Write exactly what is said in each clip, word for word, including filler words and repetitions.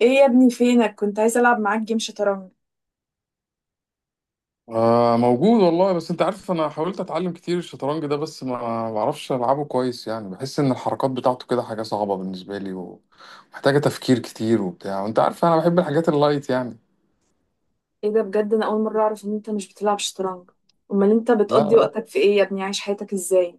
ايه يا ابني فينك؟ كنت عايزه العب معاك جيم شطرنج. آه، موجود والله. بس انت عارف، انا حاولت اتعلم كتير الشطرنج ده بس ما ما بعرفش العبه كويس. يعني بحس ان الحركات بتاعته كده حاجة صعبة بالنسبة لي ومحتاجة تفكير كتير وبتاع، وانت عارف انا بحب الحاجات اللايت يعني. ايه ده بجد؟ انا اول مره اعرف ان انت مش بتلعب شطرنج. امال انت لا بتقضي لا وقتك في ايه يا ابني؟ عايش حياتك ازاي؟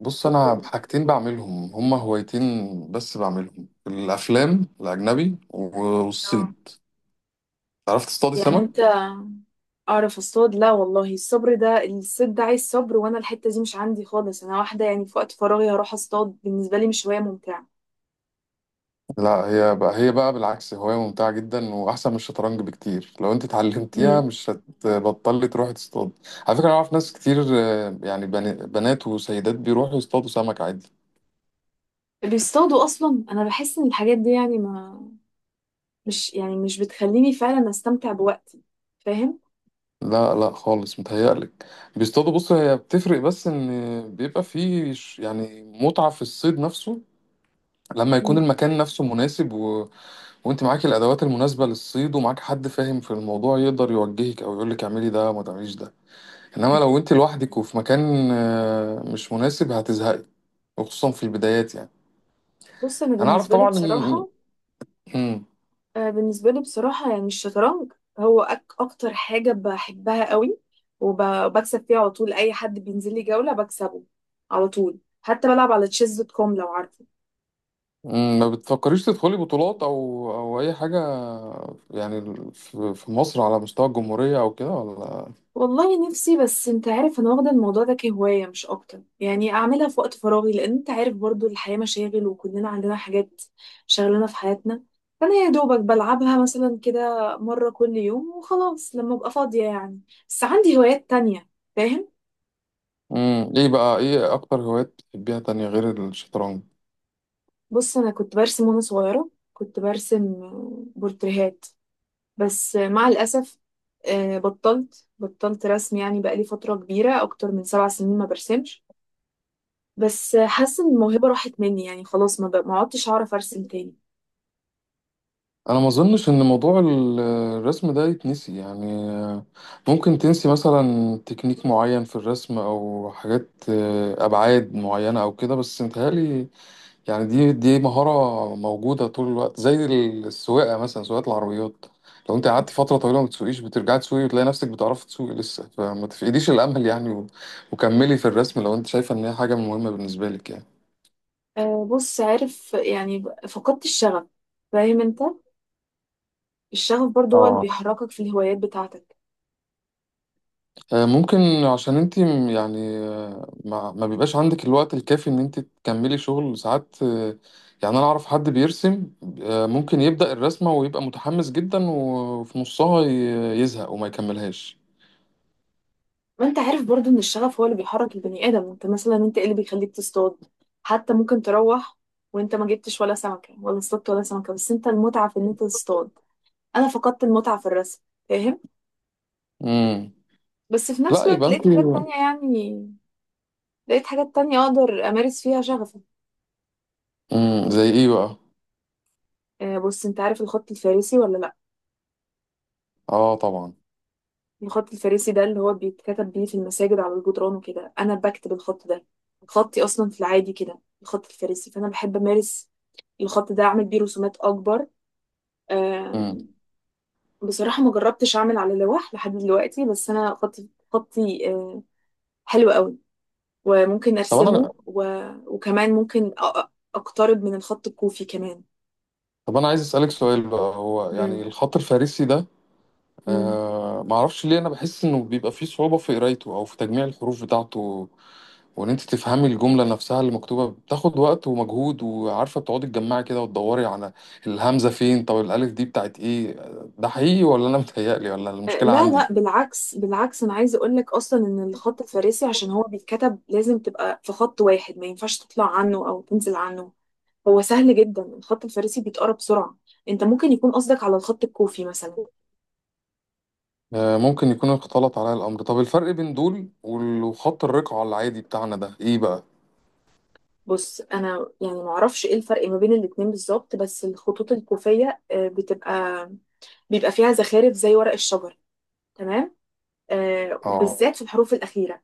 بص، انا حاجتين بعملهم هما هوايتين، بس بعملهم: الافلام الاجنبي اه. والصيد. عرفت تصطادي يعني سمك؟ انت. اعرف اصطاد؟ لا والله، الصبر ده الصيد ده عايز صبر، وانا الحته دي مش عندي خالص. انا واحده يعني في وقت فراغي هروح اصطاد بالنسبه لي مش هوايه ممتعه. لا، هي بقى هي بقى بالعكس هواية ممتعة جدا، وأحسن من الشطرنج بكتير. لو أنت اتعلمتيها امم. مش هتبطلي تروحي تصطاد. على فكرة أنا أعرف ناس كتير، آه، يعني بن- بنات وسيدات بيروحوا يصطادوا سمك عادي. بيصطادوا؟ اصلا انا بحس ان الحاجات دي يعني ما مش يعني مش بتخليني فعلا استمتع بوقتي. فاهم؟ لا لا خالص، متهيألك. بيصطادوا. بص، هي بتفرق، بس إن بيبقى فيه ش- يعني متعة في الصيد نفسه، لما يكون مم. المكان نفسه مناسب، و... وأنت معاكي الأدوات المناسبة للصيد، ومعاك حد فاهم في الموضوع يقدر يوجهك أو يقولك اعملي ده ما تعمليش ده. انما لو انت لوحدك وفي مكان آه، مش مناسب هتزهقي، وخصوصا في البدايات يعني. بص، انا انا عارف بالنسبه لي طبعا ان بصراحه مم. آه، بالنسبة لي بصراحة يعني الشطرنج هو أك أكتر حاجة بحبها قوي، وب- وبكسب فيها على طول. أي حد بينزل لي جولة بكسبه على طول. حتى بلعب على تشيز دوت كوم، لو عارفه. مم. ما بتفكريش تدخلي بطولات او او اي حاجه، يعني في في مصر على مستوى الجمهوريه او كده ولا؟ والله نفسي، بس أنت عارف أنا واخدة الموضوع ده كهواية مش أكتر، يعني أعملها في وقت فراغي لأن أنت عارف برضو الحياة مشاغل وكلنا عندنا حاجات شغلنا في حياتنا. فأنا يا دوبك بلعبها مثلا كده مرة كل يوم وخلاص لما أبقى فاضية يعني. بس عندي هوايات تانية. فاهم؟ مم. ايه بقى، ايه اكتر هوايات بتحبيها تانية غير الشطرنج؟ بص، انا كنت برسم، وانا صغيره كنت برسم بورتريهات. بس مع الاسف، آه، بطلت بطلت رسم يعني، بقالي فتره كبيره اكتر من سبع سنين ما برسمش. بس حاسه ان الموهبه راحت مني يعني، خلاص ما ب- ما عدتش هعرف ارسم تاني. انا ما اظنش ان موضوع ال- الرسم ده يتنسي يعني. آه، ممكن تنسي مثلا تكنيك معين في الرسم او حاجات، آه، ابعاد معينه او كده، بس متهيألي يعني دي دي مهارة موجودة طول الوقت، زي السواقة مثلا، سواقة العربيات. لو انت قعدت فترة طويلة ما تسوقيش بترجعي تسوقي، وتلاقي نفسك بتعرفي تسوقي لسه. فما تفقديش الأمل يعني، و... وكملي في الرسم لو انت شايفة ان هي حاجة مهمة بالنسبة لك يعني. آه، بص عارف يعني ب- فقدت الشغف. فاهم انت؟ الشغف برضو هو اللي اه، بيحركك في الهوايات بتاعتك. آه، ممكن. عشان انت م- يعني آه، ما, ما بيبقاش عندك الوقت الكافي ان انت تكملي شغل ساعات، آه، يعني انا اعرف حد بيرسم، آه، ممكن يبدأ الرسمة ويبقى متحمس جدا، وفي نصها ي- يزهق وما يكملهاش. ما انت عارف برضو ان الشغف هو اللي بيحرك البني ادم. انت مثلا، انت ايه اللي بيخليك تصطاد؟ حتى ممكن تروح وانت ما جبتش ولا سمكة، ولا اصطدت ولا سمكة، بس انت المتعة في ان انت تصطاد. انا فقدت المتعة في الرسم. فاهم؟ بس في نفس لا، الوقت يبقى لقيت انت. حاجات تانية يعني، لقيت حاجات تانية اقدر امارس فيها شغفي. امم، زي ايه بقى؟ آه، بص انت عارف الخط الفارسي ولا لا؟ اه طبعا. الخط الفارسي ده اللي هو بيتكتب بيه في المساجد على الجدران وكده، انا بكتب الخط ده. خطي اصلا في العادي كده الخط الفارسي، فانا بحب امارس الخط ده، اعمل بيه رسومات اكبر. امم. آم، بصراحة ما جربتش أعمل على لوح لحد دلوقتي، بس أنا خطي خطي آه، حلو قوي، وممكن طب أرسمه انا و... وكمان ممكن أ- أ- أقترب من الخط الكوفي كمان. طب انا عايز اسالك سؤال بقى، هو يعني مم. الخط الفارسي ده، مم. آه، ما اعرفش ليه انا بحس انه بيبقى فيه صعوبة في قرايته او في تجميع الحروف بتاعته، وان انت تفهمي الجملة نفسها اللي مكتوبة بتاخد وقت ومجهود. وعارفة بتقعدي تجمعي كده وتدوري على الهمزة فين، طب الالف دي بتاعت ايه؟ ده حقيقي ولا انا متهيألي، ولا آه، المشكلة لا عندي؟ لا، بالعكس بالعكس، أنا عايزة أقول لك أصلا إن الخط الفارسي عشان هو بيتكتب لازم تبقى في خط واحد، ما ينفعش تطلع عنه أو تنزل عنه. هو سهل جدا الخط الفارسي، بيتقرا بسرعة. أنت ممكن يكون قصدك على الخط الكوفي مثلا. آه، ممكن يكون اختلط عليا الأمر. طب الفرق بين دول وال- وخط الرقعة العادي بتاعنا ده إيه بقى؟ بص انا يعني ما اعرفش ايه الفرق ما بين الاتنين بالظبط، بس الخطوط الكوفيه آه، بتبقى بيبقى فيها زخارف زي ورق الشجر. تمام. آه، اه. وبالذات في الحروف الاخيره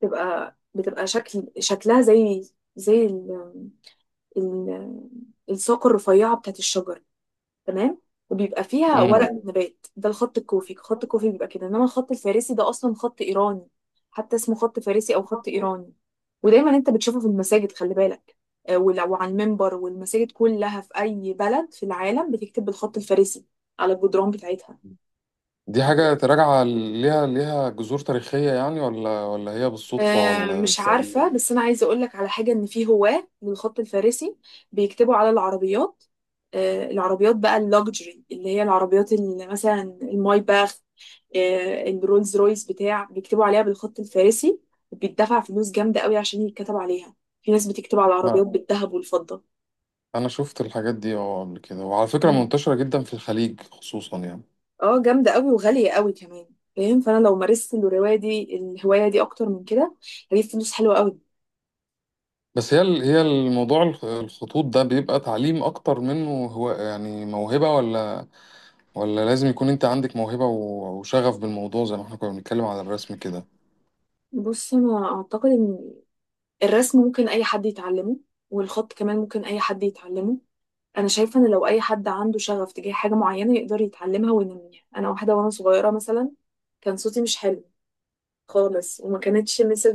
بتبقى بتبقى شكل شكلها زي زي ال ال الساق الرفيعه بتاعت الشجر. تمام. وبيبقى فيها ورق امم. مم. نبات. ده الخط الكوفي، خط الكوفي بيبقى كده، انما الخط الفارسي ده اصلا خط ايراني. حتى اسمه خط فارسي او خط ايراني. ودايما انت بتشوفه في المساجد، خلي بالك، آه، ول- وعلى المنبر، والمساجد كلها في اي بلد في العالم بتكتب بالخط الفارسي على الجدران بتاعتها. دي حاجة تراجع ليها ليها جذور تاريخية يعني، ولا ولا هي بالصدفة آه، ولا مش عارفة، بالتأليف؟ بس أنا عايزة أقولك على حاجة، إن في هواة للخط الفارسي بيكتبوا على العربيات. آه، العربيات بقى اللوكجري، اللي هي العربيات اللي مثلا المايباخ، آه، الرولز رويس بتاع، بيكتبوا عليها بالخط الفارسي، وبيدفع فلوس جامدة قوي عشان يتكتب عليها. في ناس بتكتب على لا، العربيات بالذهب والفضة. أنا شفت الحاجات دي اه قبل كده، وعلى فكرة مم. منتشرة جدا في الخليج خصوصا يعني. اه، جامدة قوي وغالية قوي كمان. فاهم؟ فأنا لو مارست الهواية دي الهواية دي أكتر من كده، هجيب فلوس حلوة قوي. بس هي ال- هي الموضوع الخ- الخطوط ده بيبقى تعليم أكتر منه، هو يعني موهبة، ولا ولا لازم يكون أنت عندك موهبة و- وشغف بالموضوع، زي ما احنا كنا بنتكلم على الرسم كده؟ بص، أنا أعتقد إن الرسم ممكن اي حد يتعلمه، والخط كمان ممكن اي حد يتعلمه. انا شايفه ان لو اي حد عنده شغف تجاه حاجه معينه يقدر يتعلمها وينميها. انا واحده وانا صغيره مثلا كان صوتي مش حلو خالص، وما كانتش مثل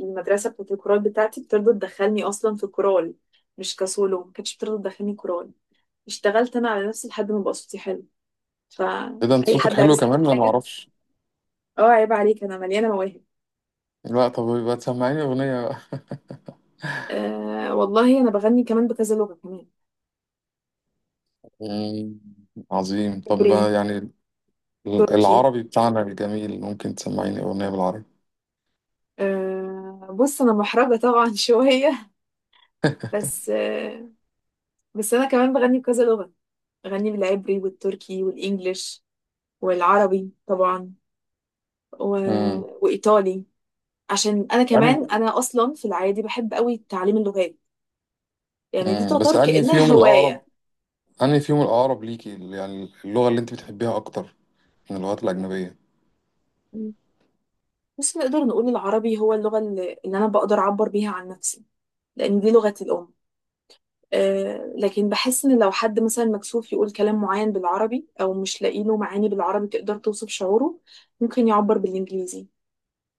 المدرسه بتاعت الكورال بتاعتي بترضى تدخلني اصلا في الكورال. مش كسولو، ما كانتش بترضى تدخلني كورال. اشتغلت انا على نفسي لحد ما بقى صوتي حلو. إيه ده، أنت فاي صوتك حد حلو عايز يسال كمان؟ أنا حاجه. معرفش. اه، عيب عليك، انا مليانه مواهب. لا، طب يبقى تسمعيني أغنية بقى. آه والله انا بغني كمان بكذا لغه كمان. مم، عظيم. طب عبري، يعني تركي. العربي بتاعنا الجميل، ممكن تسمعيني أغنية بالعربي؟ آه، بص انا محرجه طبعا شويه، بس آه، بس انا كمان بغني بكذا لغه. بغني بالعبري والتركي والانجليش والعربي طبعا و... امم. وايطالي. عشان انا يعني كمان انا اصلا في العادي بحب قوي تعليم اللغات. يعني دي امم، بس تعتبر أنهي كانها فيهم الأقرب، هوايه. أنهي فيهم الأقرب ليكي يعني، اللغة اللي أنت بتحبيها أكتر من اللغات الأجنبية؟ بس نقدر نقول العربي هو اللغه اللي اللي انا بقدر اعبر بيها عن نفسي، لان دي لغتي الام. آه، لكن بحس ان لو حد مثلا مكسوف يقول كلام معين بالعربي، او مش لاقي له معاني بالعربي تقدر توصف شعوره، ممكن يعبر بالانجليزي.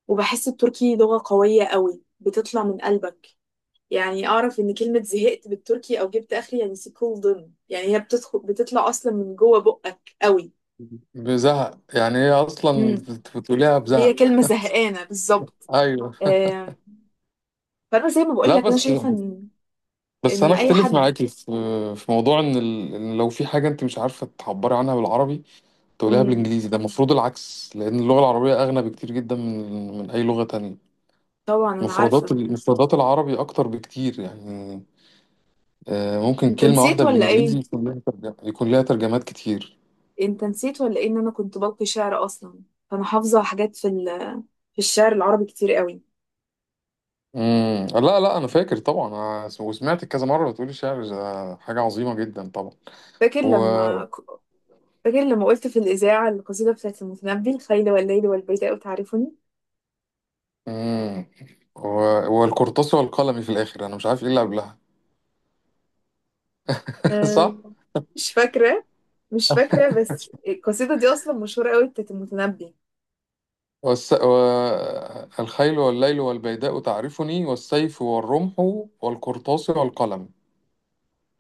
وبحس التركي لغة قوية قوي، بتطلع من قلبك. يعني اعرف ان كلمة زهقت بالتركي او جبت اخري يعني سيكولدن، يعني هي بتدخل بتطلع اصلا من جوه بقك قوي. بزهق؟ يعني هي أصلا مم. بت- بتقوليها هي بزهق؟ كلمة زهقانة بالظبط. أيوه. آه، فانا زي ما بقول لا لك، انا بس، شايفة ان بس ان أنا اي أختلف حد. معاكي في في موضوع إن ال... إن لو في حاجة أنت مش عارفة تعبري عنها بالعربي تقوليها مم، بالإنجليزي، ده المفروض العكس، لأن اللغة العربية أغنى بكتير جدا من من أي لغة تانية. طبعا انا مفردات عارفة. مفردات العربي اكتر بكتير يعني، آه، ممكن انت كلمة نسيت واحدة ولا ايه؟ بالإنجليزي يكون لها ترجمة، يكون لها ترجمات كتير. انت نسيت ولا ايه ان انا كنت بلقي شعر اصلا؟ فانا حافظه حاجات في ال- في الشعر العربي كتير قوي. امم، لا لا أنا فاكر طبعا، آه، وسمعت كذا مرة بتقولي شعر، ده حاجة عظيمة جدا طبعا. فاكر و لما فاكر لما قلت في الاذاعه القصيده بتاعت المتنبي، الخيل والليل والبيداء تعرفني. امم. و... والقرطاس والقلم في الآخر، أنا مش عارف إيه اللي قبلها أه، صح؟ مش فاكره. مش فاكره، بس القصيده دي اصلا مشهوره قوي بتاعت المتنبي. والس... و... الخيل والليل والبيداء تعرفني، والسيف والرمح والقرطاس والقلم.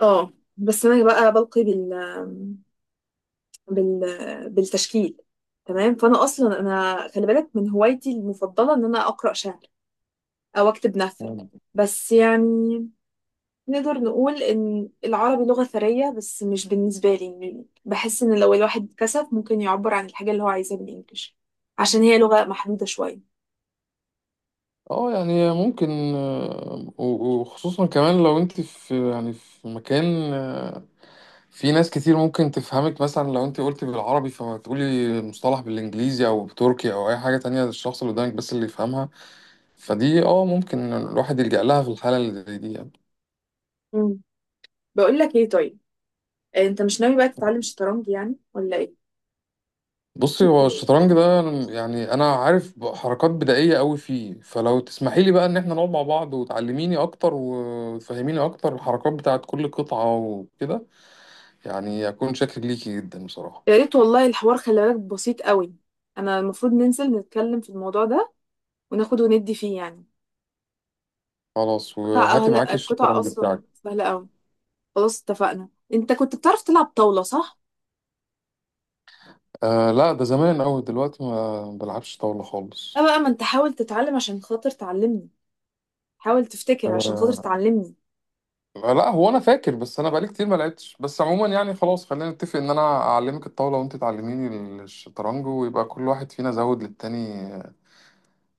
اه، بس انا بقى بلقي بال بال بالتشكيل. تمام. فانا اصلا انا خلي بالك من هوايتي المفضله ان انا اقرا شعر او اكتب نثر. مم. بس يعني نقدر نقول إن العربي لغة ثرية، بس مش بالنسبة لي، م- بحس إن لو الواحد كسف ممكن يعبر عن الحاجة اللي هو عايزها بالإنجليش، عشان هي لغة محدودة شوية. اه يعني ممكن، آه، و- وخصوصا كمان لو انت في يعني في مكان في ناس كتير ممكن تفهمك، مثلا لو انت قلت بالعربي فما تقولي المصطلح بالانجليزي او بتركي او اي حاجه تانية، الشخص اللي قدامك بس اللي يفهمها، فدي اه ممكن الواحد يلجأ لها في الحاله اللي زي دي يعني. مم. بقول لك إيه طيب، آه، أنت مش ناوي بقى تتعلم شطرنج يعني ولا إيه؟ بصي، هو الشطرنج ده يعني انا عارف حركات بدائيه قوي فيه، فلو تسمحي لي بقى ان احنا نقعد مع بعض وتعلميني اكتر وتفهميني اكتر الحركات بتاعت كل قطعه وكده، يعني اكون شاكر ليكي جدا بصراحه. يا ريت والله، الحوار خلي بالك بسيط قوي. أنا المفروض ننزل نتكلم في الموضوع ده، وناخد وندي فيه يعني. خلاص، قطع وهاتي أهلا، معاكي قطع الشطرنج أصلا بتاعك. سهلة قوي. خلاص اتفقنا. أنت كنت بتعرف تلعب طاولة صح؟ آه لا، ده زمان أوي، دلوقتي ما بلعبش طاولة أه خالص. بقى، ما أنت حاول تتعلم عشان خاطر تعلمني، حاول تفتكر عشان خاطر آه، تعلمني. لا هو أنا فاكر، بس أنا بقالي كتير ما لعبتش. بس عموما يعني خلاص، خلينا نتفق إن أنا أعلمك الطاولة وأنت تعلميني الشطرنج، ويبقى كل واحد فينا زود للتاني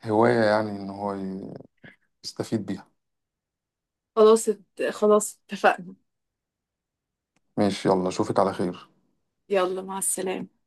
هواية يعني، إن هو يستفيد بيها. خلاص ات- خلاص اتفقنا. ماشي، يلا أشوفك على خير. يلا مع السلامة.